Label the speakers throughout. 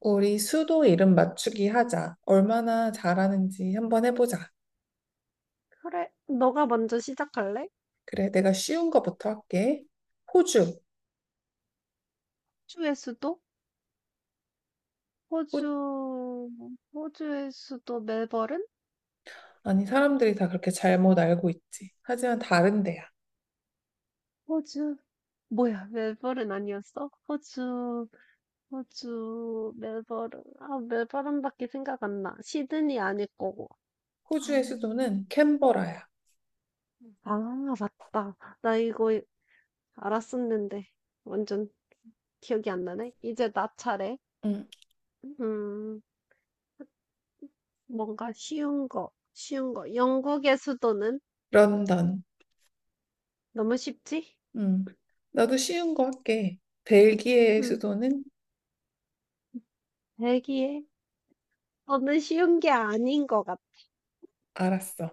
Speaker 1: 우리 수도 이름 맞추기 하자. 얼마나 잘하는지 한번 해보자.
Speaker 2: 그래, 너가 먼저 시작할래?
Speaker 1: 그래, 내가 쉬운 거부터 할게. 호주.
Speaker 2: 호주의 수도?
Speaker 1: 호...
Speaker 2: 호주, 호주의 수도 멜버른?
Speaker 1: 아니, 사람들이 다 그렇게 잘못 알고 있지. 하지만 다른 데야.
Speaker 2: 호주, 뭐야, 멜버른 아니었어? 호주, 호주, 멜버른. 아, 멜버른밖에 생각 안 나. 시드니 아닐 거고. 아,
Speaker 1: 호주의 수도는 캔버라야.
Speaker 2: 아, 맞다. 나 이거 알았었는데 완전 기억이 안 나네. 이제 나 차례.
Speaker 1: 응.
Speaker 2: 음, 뭔가 쉬운 거, 쉬운 거. 영국의 수도는
Speaker 1: 런던.
Speaker 2: 너무 쉽지?
Speaker 1: 응. 나도 쉬운 거 할게. 벨기에의
Speaker 2: 음,
Speaker 1: 수도는
Speaker 2: 대기해. 저는 쉬운 게 아닌 것 같아
Speaker 1: 알았어.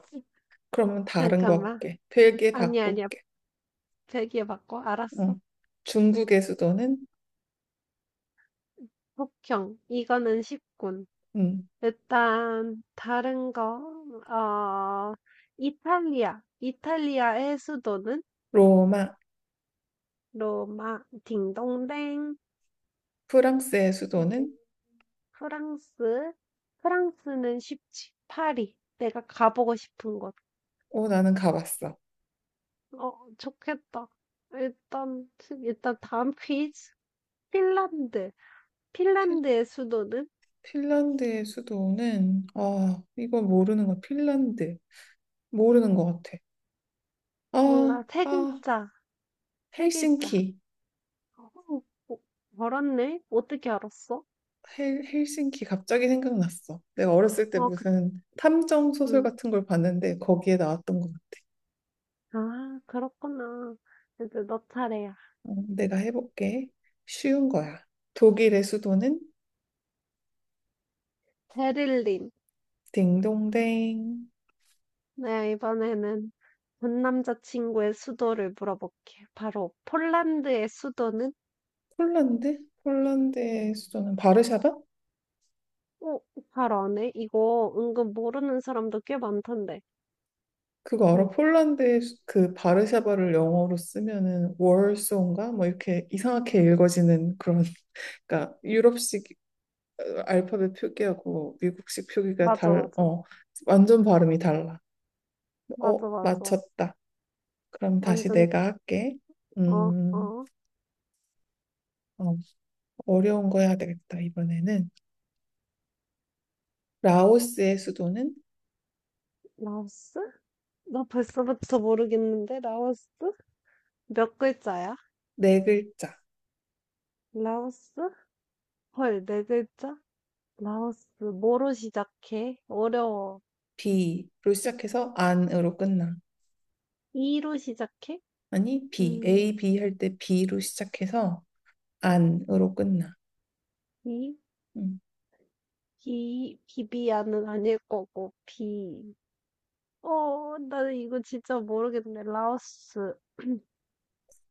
Speaker 1: 그러면 다른 거
Speaker 2: 잠깐만.
Speaker 1: 할게. 벨기에
Speaker 2: 아니, 아니야.
Speaker 1: 바꿀게.
Speaker 2: 배기에 바꿔. 알았어.
Speaker 1: 응. 중국의 수도는
Speaker 2: 폭형. 이거는 쉽군.
Speaker 1: 응.
Speaker 2: 일단, 다른 거, 어, 이탈리아. 이탈리아의 수도는
Speaker 1: 로마.
Speaker 2: 로마, 딩동댕.
Speaker 1: 프랑스의
Speaker 2: 이제
Speaker 1: 수도는
Speaker 2: 프랑스. 프랑스는 쉽지. 파리. 내가 가보고 싶은 곳.
Speaker 1: 오, 나는 가봤어.
Speaker 2: 어, 좋겠다. 일단, 일단 다음 퀴즈. 핀란드. 핀란드의 수도는?
Speaker 1: 핀란드의 수도는 이거 모르는 거 핀란드 모르는 것 같아. 아,
Speaker 2: 뭔가 세
Speaker 1: 아
Speaker 2: 글자, 세 글자.
Speaker 1: 헬싱키
Speaker 2: 어, 어, 알았네? 어떻게 알았어?
Speaker 1: 헬싱키 갑자기 생각났어. 내가 어렸을 때
Speaker 2: 어, 그,
Speaker 1: 무슨 탐정 소설
Speaker 2: 음.
Speaker 1: 같은 걸 봤는데 거기에 나왔던 것 같아.
Speaker 2: 아, 그렇구나. 이제 너 차례야.
Speaker 1: 어, 내가 해볼게. 쉬운 거야. 독일의 수도는
Speaker 2: 베를린.
Speaker 1: 딩동댕.
Speaker 2: 내가 이번에는 전 남자친구의 수도를 물어볼게. 바로 폴란드의 수도는?
Speaker 1: 폴란드 폴란드의 수도는 바르샤바?
Speaker 2: 어, 바로 아네? 이거 은근 모르는 사람도 꽤 많던데.
Speaker 1: 그거 알아?
Speaker 2: 응,
Speaker 1: 폴란드의 수- 그 바르샤바를 영어로 쓰면은 월소인가? 뭐 이렇게 이상하게 읽어지는 그런 그러니까 유럽식 어, 알파벳 표기하고 미국식 표기가
Speaker 2: 맞아,
Speaker 1: 달,
Speaker 2: 맞아.
Speaker 1: 어, 완전 발음이 달라. 어,
Speaker 2: 맞아, 맞아.
Speaker 1: 맞췄다. 그럼 다시
Speaker 2: 완전,
Speaker 1: 내가 할게.
Speaker 2: 어,
Speaker 1: 음,
Speaker 2: 어.
Speaker 1: 어, 어려운 거 해야 되겠다, 이번에는. 라오스의 수도는
Speaker 2: 라오스? 나 벌써부터 모르겠는데, 라오스? 몇 글자야?
Speaker 1: 네 글자,
Speaker 2: 라오스? 헐, 네 글자? 라오스. 뭐로 시작해? 어려워.
Speaker 1: B로 시작해서 안으로 끝나.
Speaker 2: 이로 시작해?
Speaker 1: 아니, B,
Speaker 2: 음,
Speaker 1: A, B 할 때 B로 시작해서 안으로 끝나.
Speaker 2: 이?
Speaker 1: 음,
Speaker 2: 비, 비비안은 아닐 거고, 비. 어, 나 이거 진짜 모르겠네. 라오스.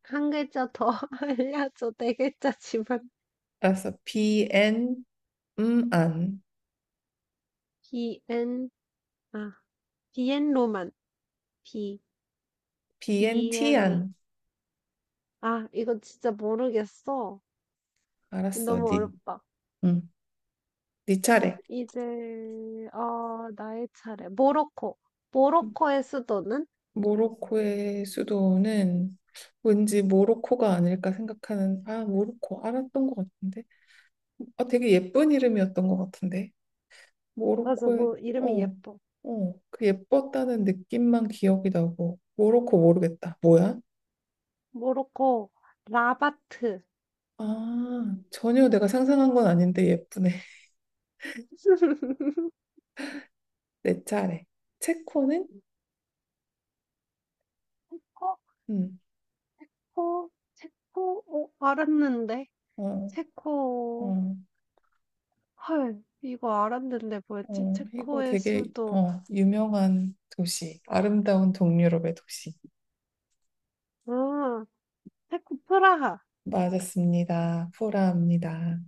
Speaker 2: 한 글자 더 알려줘. 네 글자지만.
Speaker 1: 알았어. BN, 안.
Speaker 2: 비엔, 아, 비엔로만. 비,
Speaker 1: BNT,
Speaker 2: 비엔,
Speaker 1: 안.
Speaker 2: 아, 이거 진짜 모르겠어.
Speaker 1: 알았어.
Speaker 2: 너무
Speaker 1: 니,
Speaker 2: 어렵다.
Speaker 1: 음, 니 차례.
Speaker 2: 이제 어 나의 차례. 모로코. 모로코의 수도는?
Speaker 1: 모로코의 수도는 왠지 모로코가 아닐까 생각하는, 아, 모로코. 알았던 것 같은데. 아, 되게 예쁜 이름이었던 것 같은데.
Speaker 2: 맞아,
Speaker 1: 모로코의,
Speaker 2: 뭐 이름이
Speaker 1: 어,
Speaker 2: 예뻐.
Speaker 1: 어, 그 예뻤다는 느낌만 기억이 나고. 모로코 모르겠다. 뭐야?
Speaker 2: 모로코 라바트.
Speaker 1: 아, 전혀 내가 상상한 건 아닌데 예쁘네. 내 차례. 체코는?
Speaker 2: 체코,
Speaker 1: 음,
Speaker 2: 코, 체코, 어, 알았는데.
Speaker 1: 어.
Speaker 2: 체코,
Speaker 1: 어,
Speaker 2: 헐, 이거 알았는데 뭐였지?
Speaker 1: 어, 이거
Speaker 2: 체코의
Speaker 1: 되게
Speaker 2: 수도.
Speaker 1: 어, 유명한 도시, 아름다운 동유럽의 도시.
Speaker 2: 아, 체코 프라하.
Speaker 1: 맞았습니다. 프라하입니다.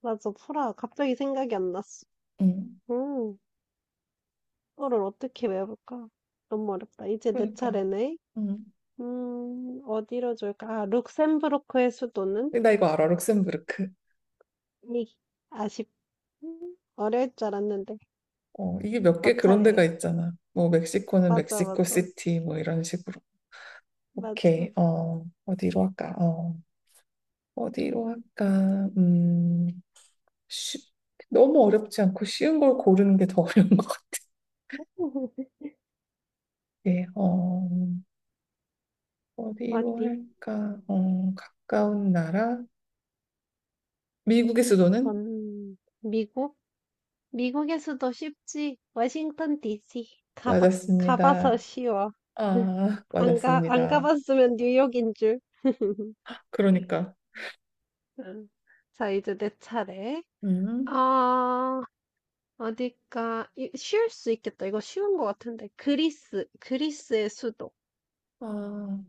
Speaker 2: 맞아, 프라하. 갑자기 생각이 안 났어.
Speaker 1: 음,
Speaker 2: 음, 이거를 어떻게 외울까? 너무 어렵다. 이제 내
Speaker 1: 그러니까.
Speaker 2: 차례네.
Speaker 1: 음.
Speaker 2: 어디로 줄까? 아, 룩셈부르크의 수도는?
Speaker 1: 근데 나 이거 알아, 룩셈부르크.
Speaker 2: 이, 아쉽, 어려울 줄 알았는데.
Speaker 1: 어, 이게 몇
Speaker 2: 너
Speaker 1: 개 그런 데가
Speaker 2: 차례야.
Speaker 1: 있잖아. 뭐 멕시코는
Speaker 2: 맞아,
Speaker 1: 멕시코
Speaker 2: 맞아,
Speaker 1: 시티 뭐 이런 식으로.
Speaker 2: 맞아.
Speaker 1: 오케이. 어, 어디로 할까? 어, 어디로 할까? 쉽, 너무 어렵지 않고 쉬운 걸 고르는 게 더 어려운 것 같아. 어, 어디로
Speaker 2: 어디?
Speaker 1: 할까? 어, 가까운 나라? 미국의 수도는?
Speaker 2: 미국? 미국의 수도 쉽지. 워싱턴 DC. 가봐, 가봐서
Speaker 1: 맞았습니다.
Speaker 2: 쉬워.
Speaker 1: 아,
Speaker 2: 안 가, 안
Speaker 1: 맞았습니다.
Speaker 2: 가봤으면 뉴욕인 줄.
Speaker 1: 그러니까,
Speaker 2: 음. 자, 이제 내 차례.
Speaker 1: 음,
Speaker 2: 아, 어딜까? 이- 쉬울 수 있겠다. 이거 쉬운 거 같은데. 그리스, 그리스의 수도.
Speaker 1: 아,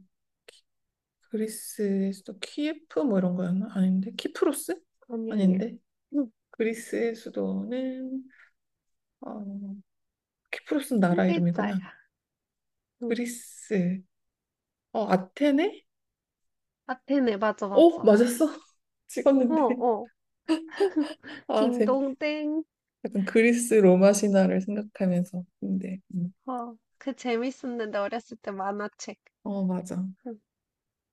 Speaker 1: 그리스의 수도 키예프 뭐 이런 거였나? 아닌데, 키프로스?
Speaker 2: 아니, 아니야.
Speaker 1: 아닌데,
Speaker 2: 응,
Speaker 1: 그리스의 수도는 어, 키프로스는
Speaker 2: 한
Speaker 1: 나라
Speaker 2: 글자야.
Speaker 1: 이름이구나.
Speaker 2: 응.
Speaker 1: 그리스, 어, 아테네?
Speaker 2: 아테네, 맞아,
Speaker 1: 어,
Speaker 2: 맞아.
Speaker 1: 맞았어.
Speaker 2: 어,
Speaker 1: 찍었는데,
Speaker 2: 어.
Speaker 1: 아, 제-
Speaker 2: 딩동댕.
Speaker 1: 약간 그리스 로마 신화를 생각하면서, 근데,
Speaker 2: 어, 그 재밌었는데, 어렸을 때 만화책.
Speaker 1: 어, 맞아.
Speaker 2: 응,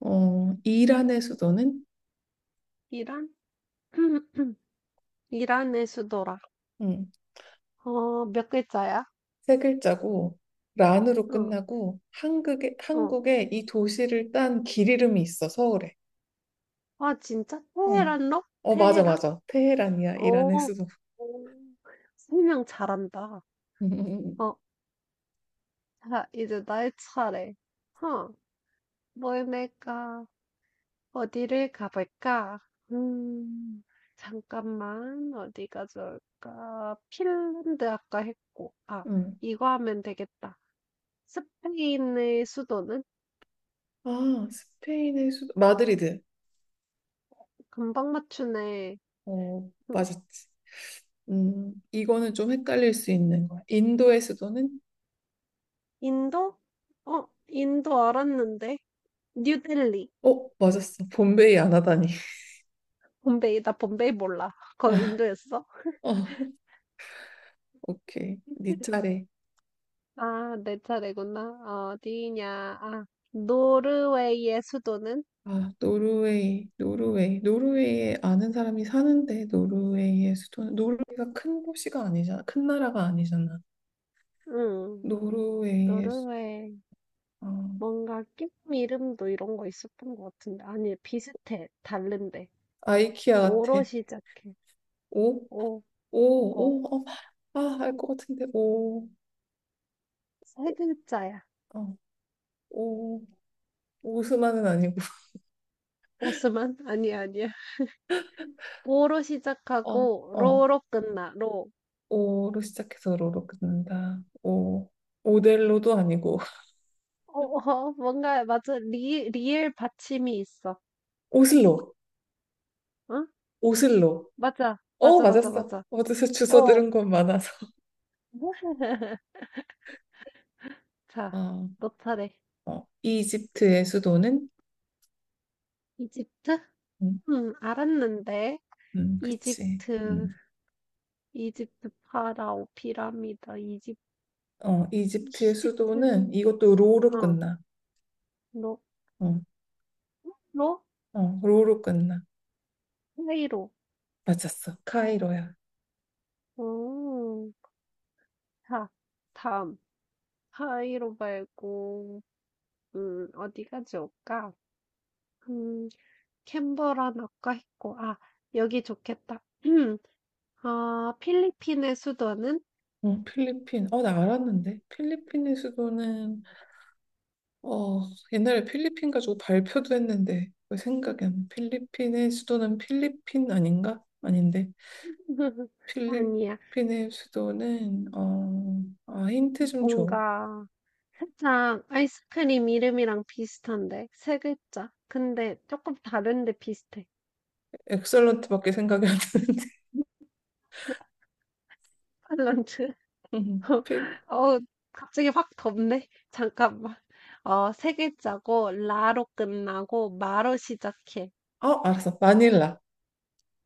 Speaker 1: 어, 이란의
Speaker 2: 응.
Speaker 1: 수도는
Speaker 2: 이란? 이란의 수도라.
Speaker 1: 음,
Speaker 2: 어, 몇 글자야?
Speaker 1: 세 글자고 란으로
Speaker 2: 응,
Speaker 1: 끝나고 한국에
Speaker 2: 어.
Speaker 1: 한국에 이 도시를 딴 길 이름이 있어 서울에.
Speaker 2: 아, 진짜?
Speaker 1: 어.
Speaker 2: 테헤란로?
Speaker 1: 어 맞아
Speaker 2: 테헤란?
Speaker 1: 맞아 테헤란이야 이란의
Speaker 2: 오,
Speaker 1: 수도.
Speaker 2: 오. 설명 잘한다. 어, 어. 아, 이제 나의 차례. 허, 뭘 낼까? 어디를 가볼까? 음, 잠깐만, 어디가 좋을까? 핀란드 아까 했고, 아,
Speaker 1: 음.
Speaker 2: 이거 하면 되겠다. 스페인의 수도는?
Speaker 1: 아 스페인의 수도 마드리드.
Speaker 2: 금방 맞추네.
Speaker 1: 어
Speaker 2: 음,
Speaker 1: 맞았지. 이거는 좀 헷갈릴 수 있는 거야. 인도의 수도는
Speaker 2: 인도? 어, 인도 알았는데. 뉴델리.
Speaker 1: 어 맞았어. bombay이 안 하다니.
Speaker 2: bombay이 나 봄베이 몰라. 그거 인도였어?
Speaker 1: 어 오케이 네 차례.
Speaker 2: 아, 내 차례구나. 어디냐. 아, 노르웨이의 수도는?
Speaker 1: 아, 노르웨이, 노르웨이. 노르웨이에 아는 사람이 사는데 노르웨이의 수도 노르웨이가 큰 도시가 아니잖아. 큰 나라가 아니잖아.
Speaker 2: 응,
Speaker 1: 노르웨이의 수-
Speaker 2: 노르웨이,
Speaker 1: 어,
Speaker 2: 뭔가 끼 이름도 이런 거 있었던 것 같은데. 아니, 비슷해. 다른데.
Speaker 1: 아이키아 같아.
Speaker 2: 오로 시작해.
Speaker 1: 오,
Speaker 2: 오, 어,
Speaker 1: 오, 오. 어, 아, 알 것 같은데. 오.
Speaker 2: 세 글자야.
Speaker 1: 어. 오. 오스만은 아니고.
Speaker 2: 오스만? 아니야, 아니야. 오로
Speaker 1: 어.
Speaker 2: 시작하고,
Speaker 1: 어.
Speaker 2: 로로 끝나, 로.
Speaker 1: 오로 시작해서 로로 끝난다. 오. 오델로도 아니고.
Speaker 2: 어, 어, 뭔가, 맞아. 리, 리을 받침이 있어.
Speaker 1: 오슬로.
Speaker 2: 응?
Speaker 1: 오슬로.
Speaker 2: 맞아.
Speaker 1: 어,
Speaker 2: 맞아, 맞아,
Speaker 1: 맞았어.
Speaker 2: 맞아.
Speaker 1: 어디서 주워
Speaker 2: 어,
Speaker 1: 들은 건 많아서.
Speaker 2: 뭐? 자,
Speaker 1: 아,
Speaker 2: 너 차례.
Speaker 1: 어, 이집트의 수도는
Speaker 2: 이집트?
Speaker 1: 음,
Speaker 2: 알았는데.
Speaker 1: 그치.
Speaker 2: 이집트.
Speaker 1: 음.
Speaker 2: 이집트 파라오 피라미드 이집트
Speaker 1: 어, 이집트의
Speaker 2: 이집트.
Speaker 1: 수도는 이것도 로로
Speaker 2: 어로
Speaker 1: 끝나.
Speaker 2: 로?
Speaker 1: 어,
Speaker 2: 로?
Speaker 1: 어, 로로 끝나.
Speaker 2: 카이로
Speaker 1: 맞았어. 카이로야.
Speaker 2: 오 자 다음 카이로 말고 어디가 좋을까 음 캔버라나 아까 고아 여기 좋겠다 아 필리핀의 수도는
Speaker 1: 어, 필리핀. 어, 나 알았는데. 필리핀의 수도는 어, 옛날에 필리핀 가지고 발표도 했는데 왜 생각이 안 나. 필리핀의 수도는 필리핀 아닌가? 아닌데.
Speaker 2: 아니야
Speaker 1: 필리핀의 수도는 어, 아, 힌트 좀 줘.
Speaker 2: 뭔가 살짝 아이스크림 이름이랑 비슷한데 세 글자 근데 조금 다른데 비슷해
Speaker 1: 엑설런트밖에 생각이 안 나는데.
Speaker 2: 팔런트
Speaker 1: 필-
Speaker 2: 어, 갑자기 확 덥네. 잠깐만. 어, 세 글자고, 라로 끝나고, 마로 시작해.
Speaker 1: 어, 알았어. 마닐라.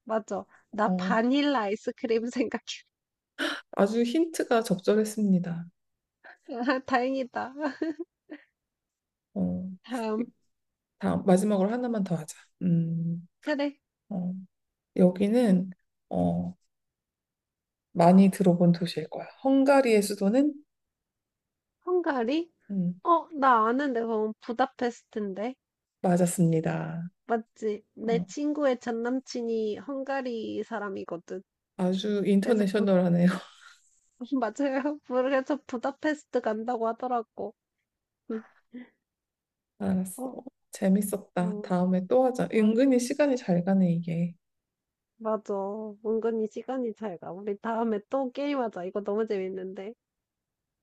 Speaker 2: 맞아. 나
Speaker 1: 어,
Speaker 2: 바닐라 아이스크림 생각해.
Speaker 1: 아주 힌트가 적절했습니다.
Speaker 2: 다행이다.
Speaker 1: 어,
Speaker 2: 다음.
Speaker 1: 다음, 마지막으로 하나만 더 하자. 음,
Speaker 2: 그래.
Speaker 1: 어, 여기는, 어, 많이 들어본 도시일 거야. 헝가리의 수도는?
Speaker 2: 헝가리?
Speaker 1: 음,
Speaker 2: 어, 나 아는데, 그건 부다페스트인데.
Speaker 1: 맞았습니다.
Speaker 2: 맞지? 내
Speaker 1: 어,
Speaker 2: 친구의 전 남친이 헝가리 사람이거든.
Speaker 1: 아주
Speaker 2: 그래서 부,
Speaker 1: 인터내셔널하네요.
Speaker 2: 맞아요. 그래서 부다페스트 간다고 하더라고. 응.
Speaker 1: 알았어.
Speaker 2: 어,
Speaker 1: 재밌었다.
Speaker 2: 응.
Speaker 1: 다음에 또 하자. 은근히 시간이 잘 가네, 이게.
Speaker 2: 맞아. 은근히 시간이 잘 가. 우리 다음에 또 게임하자. 이거 너무 재밌는데.